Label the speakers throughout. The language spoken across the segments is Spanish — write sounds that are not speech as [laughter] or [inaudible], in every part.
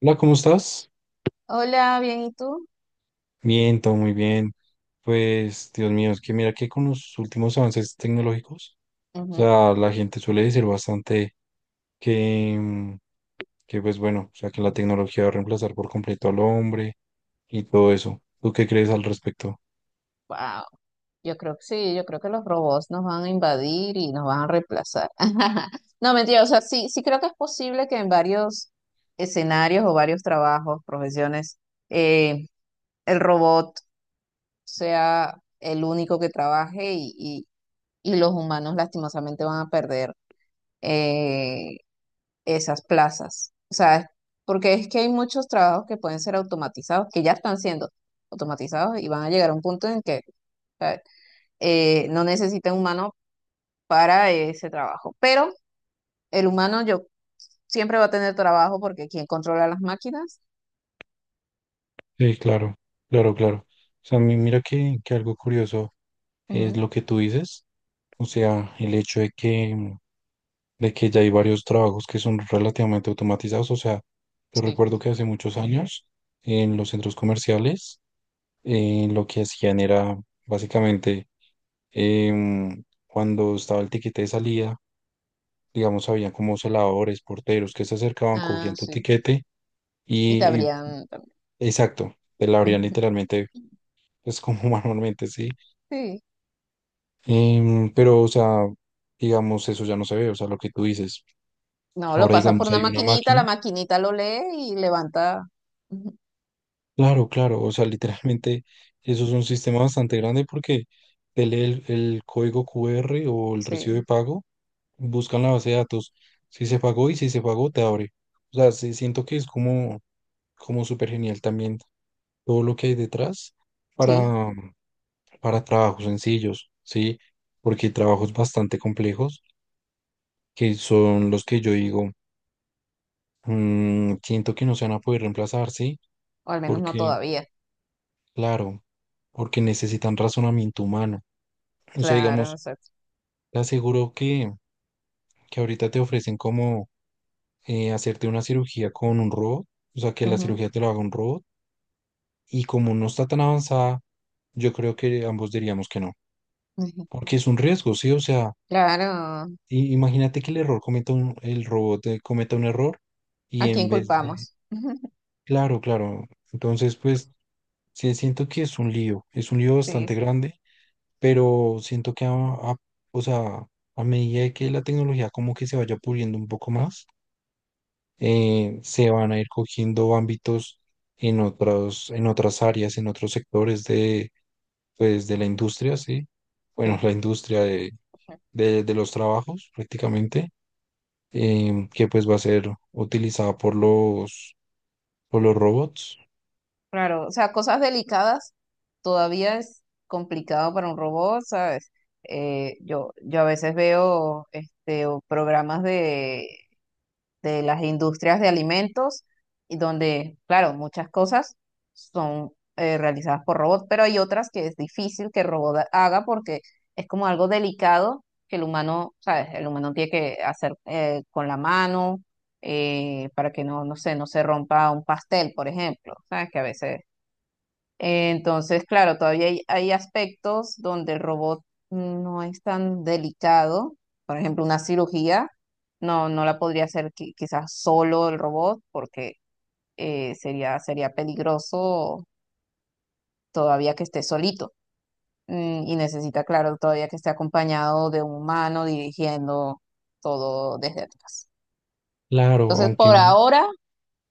Speaker 1: Hola, ¿cómo estás?
Speaker 2: Hola, bien, ¿y tú?
Speaker 1: Bien, todo muy bien. Pues, Dios mío, es que mira que con los últimos avances tecnológicos, o
Speaker 2: Ujú.
Speaker 1: sea, la gente suele decir bastante que, mm, que pues bueno, o sea, que la tecnología va a reemplazar por completo al hombre y todo eso. ¿Tú qué crees al respecto?
Speaker 2: Wow, yo creo que sí, yo creo que los robots nos van a invadir y nos van a reemplazar. [laughs] No, mentira, o sea, sí, sí creo que es posible que en varios escenarios o varios trabajos, profesiones, eh, el robot sea el único que trabaje y los humanos lastimosamente van a perder eh, esas plazas. O sea, porque es que hay muchos trabajos que pueden ser automatizados, que ya están siendo automatizados y van a llegar a un punto en que sea, no necesita un humano para ese trabajo. Pero el humano yo siempre va a tener trabajo porque quien controla las máquinas.
Speaker 1: Sí, claro, claro, claro. O sea, mira que algo curioso es
Speaker 2: Ujú.
Speaker 1: lo que tú dices, o sea, el hecho de que de que ya hay varios trabajos que son relativamente automatizados. O sea, yo
Speaker 2: Sí,
Speaker 1: recuerdo que hace muchos años en los centros comerciales lo que hacían era básicamente cuando estaba el tiquete de salida, digamos, había como celadores, porteros que se acercaban,
Speaker 2: ah,
Speaker 1: cogían tu
Speaker 2: sí,
Speaker 1: tiquete
Speaker 2: y te
Speaker 1: y, y-
Speaker 2: habrían también.
Speaker 1: exacto, te la abrían
Speaker 2: [laughs]
Speaker 1: literalmente,
Speaker 2: Ujú.
Speaker 1: pues como [laughs] manualmente, sí.
Speaker 2: Sí,
Speaker 1: Pero, o sea, digamos, eso ya no se ve, o sea, lo que tú dices.
Speaker 2: no, lo
Speaker 1: Ahora,
Speaker 2: pasas por
Speaker 1: digamos,
Speaker 2: una
Speaker 1: hay una
Speaker 2: maquinita,
Speaker 1: máquina.
Speaker 2: la maquinita lo lee y levanta. Ujú.
Speaker 1: Claro, claro, o sea, literalmente eso es un sistema bastante grande porque te lee el código QR o el recibo de
Speaker 2: Sí,
Speaker 1: pago, buscan la base de datos, si se pagó y si se pagó te abre. O sea, sí, siento que es como súper genial también todo lo que hay detrás
Speaker 2: sí,
Speaker 1: para, para trabajos sencillos, ¿sí? Porque hay trabajos bastante complejos que son los que yo digo, "Mm, siento que no se van a poder reemplazar, ¿sí?"
Speaker 2: o al menos no
Speaker 1: Porque,
Speaker 2: todavía.
Speaker 1: claro, porque necesitan razonamiento humano. O sea,
Speaker 2: Claro,
Speaker 1: digamos,
Speaker 2: exacto.
Speaker 1: te aseguro que ahorita te ofrecen como hacerte una cirugía con un robot, o sea, que la cirugía te lo haga un robot, y como no está tan avanzada, yo creo que ambos diríamos que no,
Speaker 2: Ujú.
Speaker 1: porque es un riesgo, ¿sí? O sea,
Speaker 2: Claro,
Speaker 1: imagínate que el error cometa un, el robot cometa un error y
Speaker 2: ¿a
Speaker 1: en
Speaker 2: quién
Speaker 1: vez de,
Speaker 2: culpamos? [laughs]
Speaker 1: claro, claro, entonces pues sí siento que es un lío
Speaker 2: Sí,
Speaker 1: bastante grande, pero siento que, o sea, a medida que la tecnología como que se vaya puliendo un poco más, se van a ir cogiendo ámbitos en otros, en otras áreas, en otros sectores de, pues, de la industria, ¿sí? Bueno,
Speaker 2: sí,
Speaker 1: la industria
Speaker 2: sí.
Speaker 1: de los trabajos prácticamente, que pues va a ser utilizada por los robots.
Speaker 2: Claro, o sea, cosas delicadas todavía es complicado para un robot, ¿sabes? Yo a veces veo este, o programas de las industrias de alimentos, y donde, claro, muchas cosas son realizadas por robots, pero hay otras que es difícil que el robot haga porque es como algo delicado que el humano, ¿sabes? El humano tiene que hacer con la mano para que no, no sé, no se rompa un pastel, por ejemplo, ¿sabes? Que a veces entonces, claro, todavía hay aspectos donde el robot no es tan delicado. Por ejemplo, una cirugía no, no la podría hacer quizás solo el robot porque sería peligroso todavía que esté solito. Mm. Y necesita, claro, todavía que esté acompañado de un humano dirigiendo todo desde atrás.
Speaker 1: Claro,
Speaker 2: Entonces, por ahora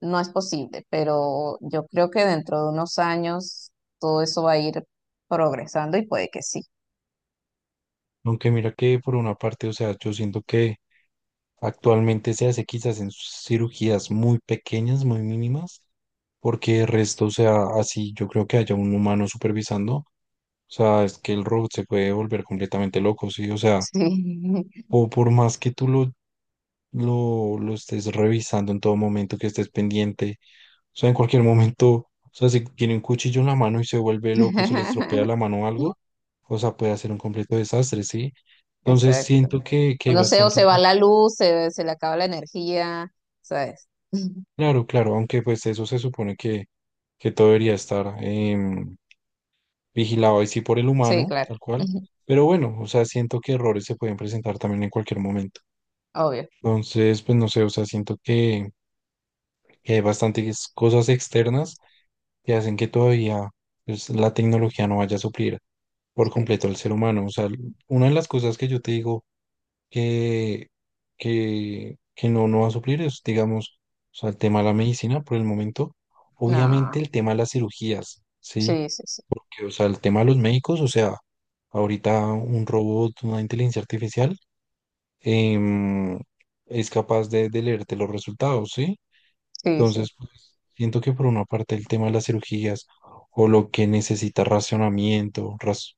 Speaker 2: no es posible, pero yo creo que dentro de unos años todo eso va a ir progresando y puede que sí.
Speaker 1: aunque mira que por una parte, o sea, yo siento que actualmente se hace quizás en cirugías muy pequeñas, muy mínimas, porque el resto, o sea, así yo creo que haya un humano supervisando. O sea, es que el robot se puede volver completamente loco, ¿sí? O sea,
Speaker 2: Sí.
Speaker 1: o por más que tú lo estés revisando en todo momento, que estés pendiente, o sea, en cualquier momento, o sea, si tiene un cuchillo en la mano y se vuelve loco, se le estropea la
Speaker 2: [laughs]
Speaker 1: mano o algo, o sea, puede hacer un completo desastre, ¿sí? Entonces
Speaker 2: Exacto.
Speaker 1: siento que hay
Speaker 2: No sé, o
Speaker 1: bastantes...
Speaker 2: se va la luz, se le acaba la energía, ¿sabes? [laughs]
Speaker 1: Claro, claro, aunque pues eso se supone que todo debería estar vigilado ahí sí por el
Speaker 2: Sí,
Speaker 1: humano,
Speaker 2: claro.
Speaker 1: tal cual.
Speaker 2: [laughs]
Speaker 1: Pero bueno, o sea, siento que errores se pueden presentar también en cualquier momento.
Speaker 2: Obvio.
Speaker 1: Entonces, pues no sé, o sea, siento que hay bastantes cosas externas que hacen que todavía pues, la tecnología no vaya a suplir por
Speaker 2: Sí.
Speaker 1: completo al ser humano. O sea, una de las cosas que yo te digo que, que no, no va a suplir es, digamos, o sea, el tema de la medicina por el momento. Obviamente
Speaker 2: No.
Speaker 1: el tema de las cirugías, ¿sí?
Speaker 2: Sí, sí, sí.
Speaker 1: Que, o sea, el tema de los médicos, o sea, ahorita un robot, una inteligencia artificial, em, es capaz de leerte los resultados, ¿sí?
Speaker 2: Sí, sí.
Speaker 1: Entonces, pues, siento que por una parte el tema de las cirugías o lo que necesita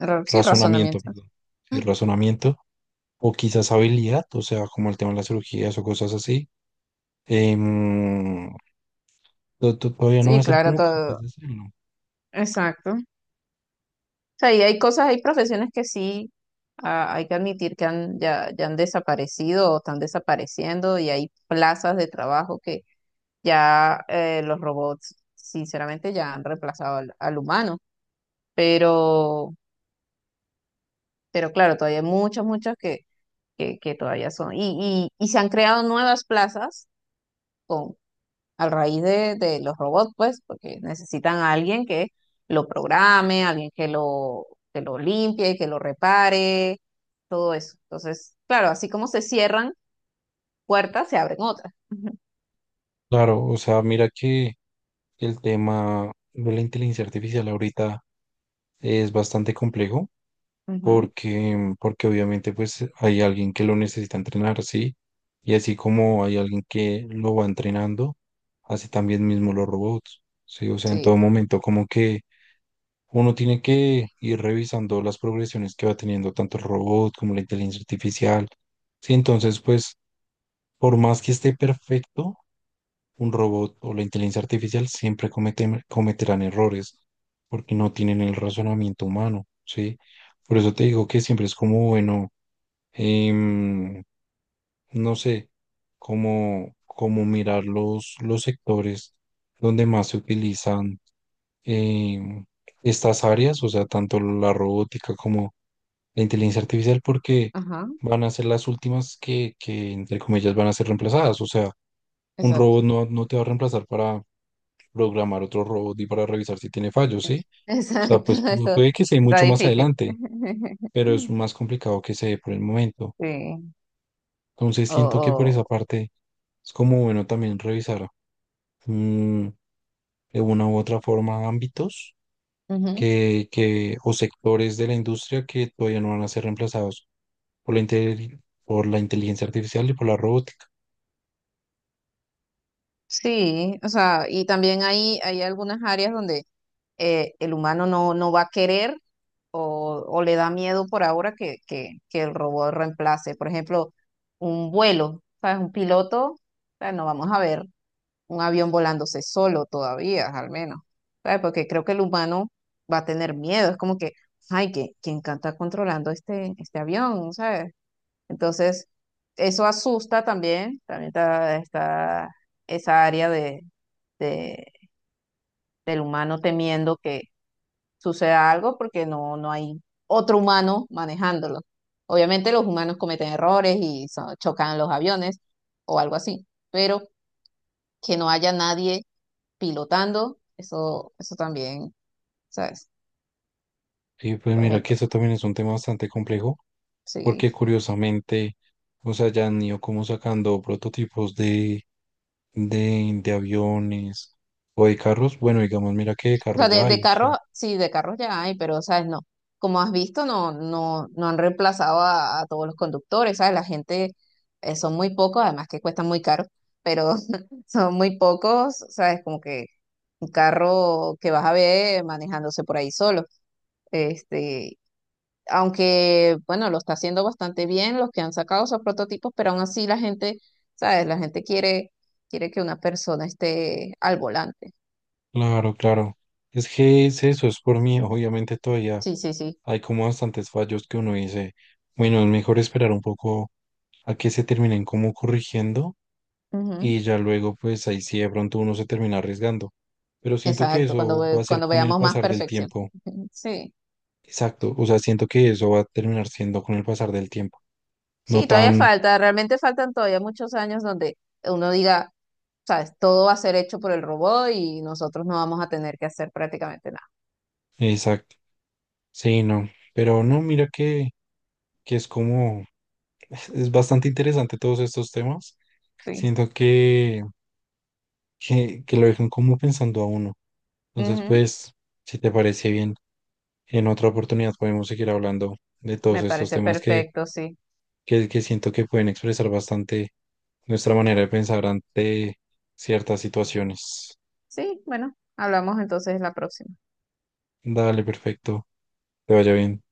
Speaker 2: Ra- sí,
Speaker 1: razonamiento,
Speaker 2: razonamiento.
Speaker 1: perdón, sí,
Speaker 2: [laughs]
Speaker 1: razonamiento, o quizás habilidad, o sea, como el tema de las cirugías o cosas así, em, todavía no va a
Speaker 2: Sí,
Speaker 1: ser
Speaker 2: claro,
Speaker 1: como capaz
Speaker 2: todo.
Speaker 1: de hacerlo.
Speaker 2: Exacto. O sea, y hay cosas, hay profesiones que sí, ah, hay que admitir que han, ya, ya han desaparecido o están desapareciendo y hay plazas de trabajo. Ya los robots, sinceramente, ya han reemplazado al, al humano, pero, pero claro, todavía hay muchos, muchos que todavía son. Y se han creado nuevas plazas con, a raíz de los robots, pues, porque necesitan a alguien que lo programe, alguien que lo limpie, que lo repare, todo eso. Entonces, claro, así como se cierran puertas, se abren otras. [laughs]
Speaker 1: Claro, o sea, mira que el tema de la inteligencia artificial ahorita es bastante complejo.
Speaker 2: Ujú.
Speaker 1: Porque, porque obviamente pues hay alguien que lo necesita entrenar, ¿sí? Y así como hay alguien que lo va entrenando, así también mismo los robots, ¿sí? O sea, en
Speaker 2: Sí,
Speaker 1: todo momento como que uno tiene que ir revisando las progresiones que va teniendo tanto el robot como la inteligencia artificial, ¿sí? Entonces, pues, por más que esté perfecto, un robot o la inteligencia artificial siempre cometerán errores porque no tienen el razonamiento humano, ¿sí? Por eso te digo que siempre es como, bueno, em, no sé, cómo mirar los sectores donde más se utilizan em, estas áreas, o sea, tanto la robótica como la inteligencia artificial, porque
Speaker 2: ajá,
Speaker 1: van a ser las últimas que, entre comillas, van a ser reemplazadas. O sea, un
Speaker 2: exacto.
Speaker 1: robot no, no te va a reemplazar para programar otro robot y para revisar si tiene fallos, ¿sí? O sea,
Speaker 2: Exacto,
Speaker 1: pues
Speaker 2: [laughs] eso
Speaker 1: puede que se dé
Speaker 2: está
Speaker 1: mucho más
Speaker 2: difícil.
Speaker 1: adelante,
Speaker 2: [laughs]
Speaker 1: pero es más complicado que se dé por el momento.
Speaker 2: Sí,
Speaker 1: Entonces
Speaker 2: o,
Speaker 1: siento que por
Speaker 2: o-
Speaker 1: esa parte es como bueno también revisar mm, de una u otra forma ámbitos
Speaker 2: ujú.
Speaker 1: o sectores de la industria que todavía no van a ser reemplazados por por la inteligencia artificial y por la robótica.
Speaker 2: Sí, o sea, y también hay algunas áreas donde el humano no, no va a querer o le da miedo por ahora que el robot reemplace. Por ejemplo, un vuelo, ¿sabes? Un piloto, o sea, no vamos a ver un avión volándose solo todavía, al menos, ¿sabes? Porque creo que el humano va a tener miedo, es como que, ay, que quién está controlando este, este avión, ¿sabes? Entonces, eso asusta también, también está, está esa área de, de- del humano temiendo que suceda algo porque no, no hay otro humano manejándolo. Obviamente los humanos cometen errores y chocan los aviones o algo así, pero que no haya nadie pilotando, eso también, ¿sabes?
Speaker 1: Y pues
Speaker 2: Por
Speaker 1: mira que
Speaker 2: ejemplo,
Speaker 1: eso también es un tema bastante complejo
Speaker 2: sí.
Speaker 1: porque curiosamente, o sea, ya han ido como sacando prototipos de aviones o de carros. Bueno, digamos, mira que de
Speaker 2: O
Speaker 1: carros
Speaker 2: sea,
Speaker 1: ya
Speaker 2: de
Speaker 1: hay, o sea.
Speaker 2: carros, sí, de carros ya hay, pero, ¿sabes? No. Como has visto, no, no, no han reemplazado a todos los conductores, ¿sabes? La gente son muy pocos, además que cuestan muy caro, pero [laughs] son muy pocos, ¿sabes? Como que un carro que vas a ver manejándose por ahí solo. Este, aunque, bueno, lo está haciendo bastante bien los que han sacado esos prototipos, pero aún así la gente, ¿sabes? La gente quiere, quiere que una persona esté al volante.
Speaker 1: Claro, claro. Es que es eso, es por mí. Obviamente todavía
Speaker 2: Sí, sí, sí.
Speaker 1: hay como bastantes fallos que uno dice, bueno, es mejor esperar un poco a que se terminen como corrigiendo
Speaker 2: Ujú.
Speaker 1: y ya luego pues ahí sí de pronto uno se termina arriesgando. Pero siento que
Speaker 2: Exacto, cuando,
Speaker 1: eso va a ser
Speaker 2: cuando
Speaker 1: con el
Speaker 2: veamos más
Speaker 1: pasar del
Speaker 2: perfección.
Speaker 1: tiempo.
Speaker 2: Ujú. Sí.
Speaker 1: Exacto, o sea, siento que eso va a terminar siendo con el pasar del tiempo. No
Speaker 2: Sí, todavía
Speaker 1: tan
Speaker 2: falta, realmente faltan todavía muchos años donde uno diga, ¿sabes? Todo va a ser hecho por el robot y nosotros no vamos a tener que hacer prácticamente nada.
Speaker 1: exacto. Sí, no. Pero no, mira que es como, es bastante interesante todos estos temas.
Speaker 2: Sí.
Speaker 1: Siento que... que lo dejan como pensando a uno. Entonces,
Speaker 2: Ujú.
Speaker 1: pues, si te parece bien, en otra oportunidad podemos seguir hablando de todos
Speaker 2: Me
Speaker 1: estos
Speaker 2: parece
Speaker 1: temas
Speaker 2: perfecto, sí.
Speaker 1: que siento que pueden expresar bastante nuestra manera de pensar ante ciertas situaciones.
Speaker 2: Sí, bueno, hablamos entonces la próxima.
Speaker 1: Dale, perfecto. Te vaya bien.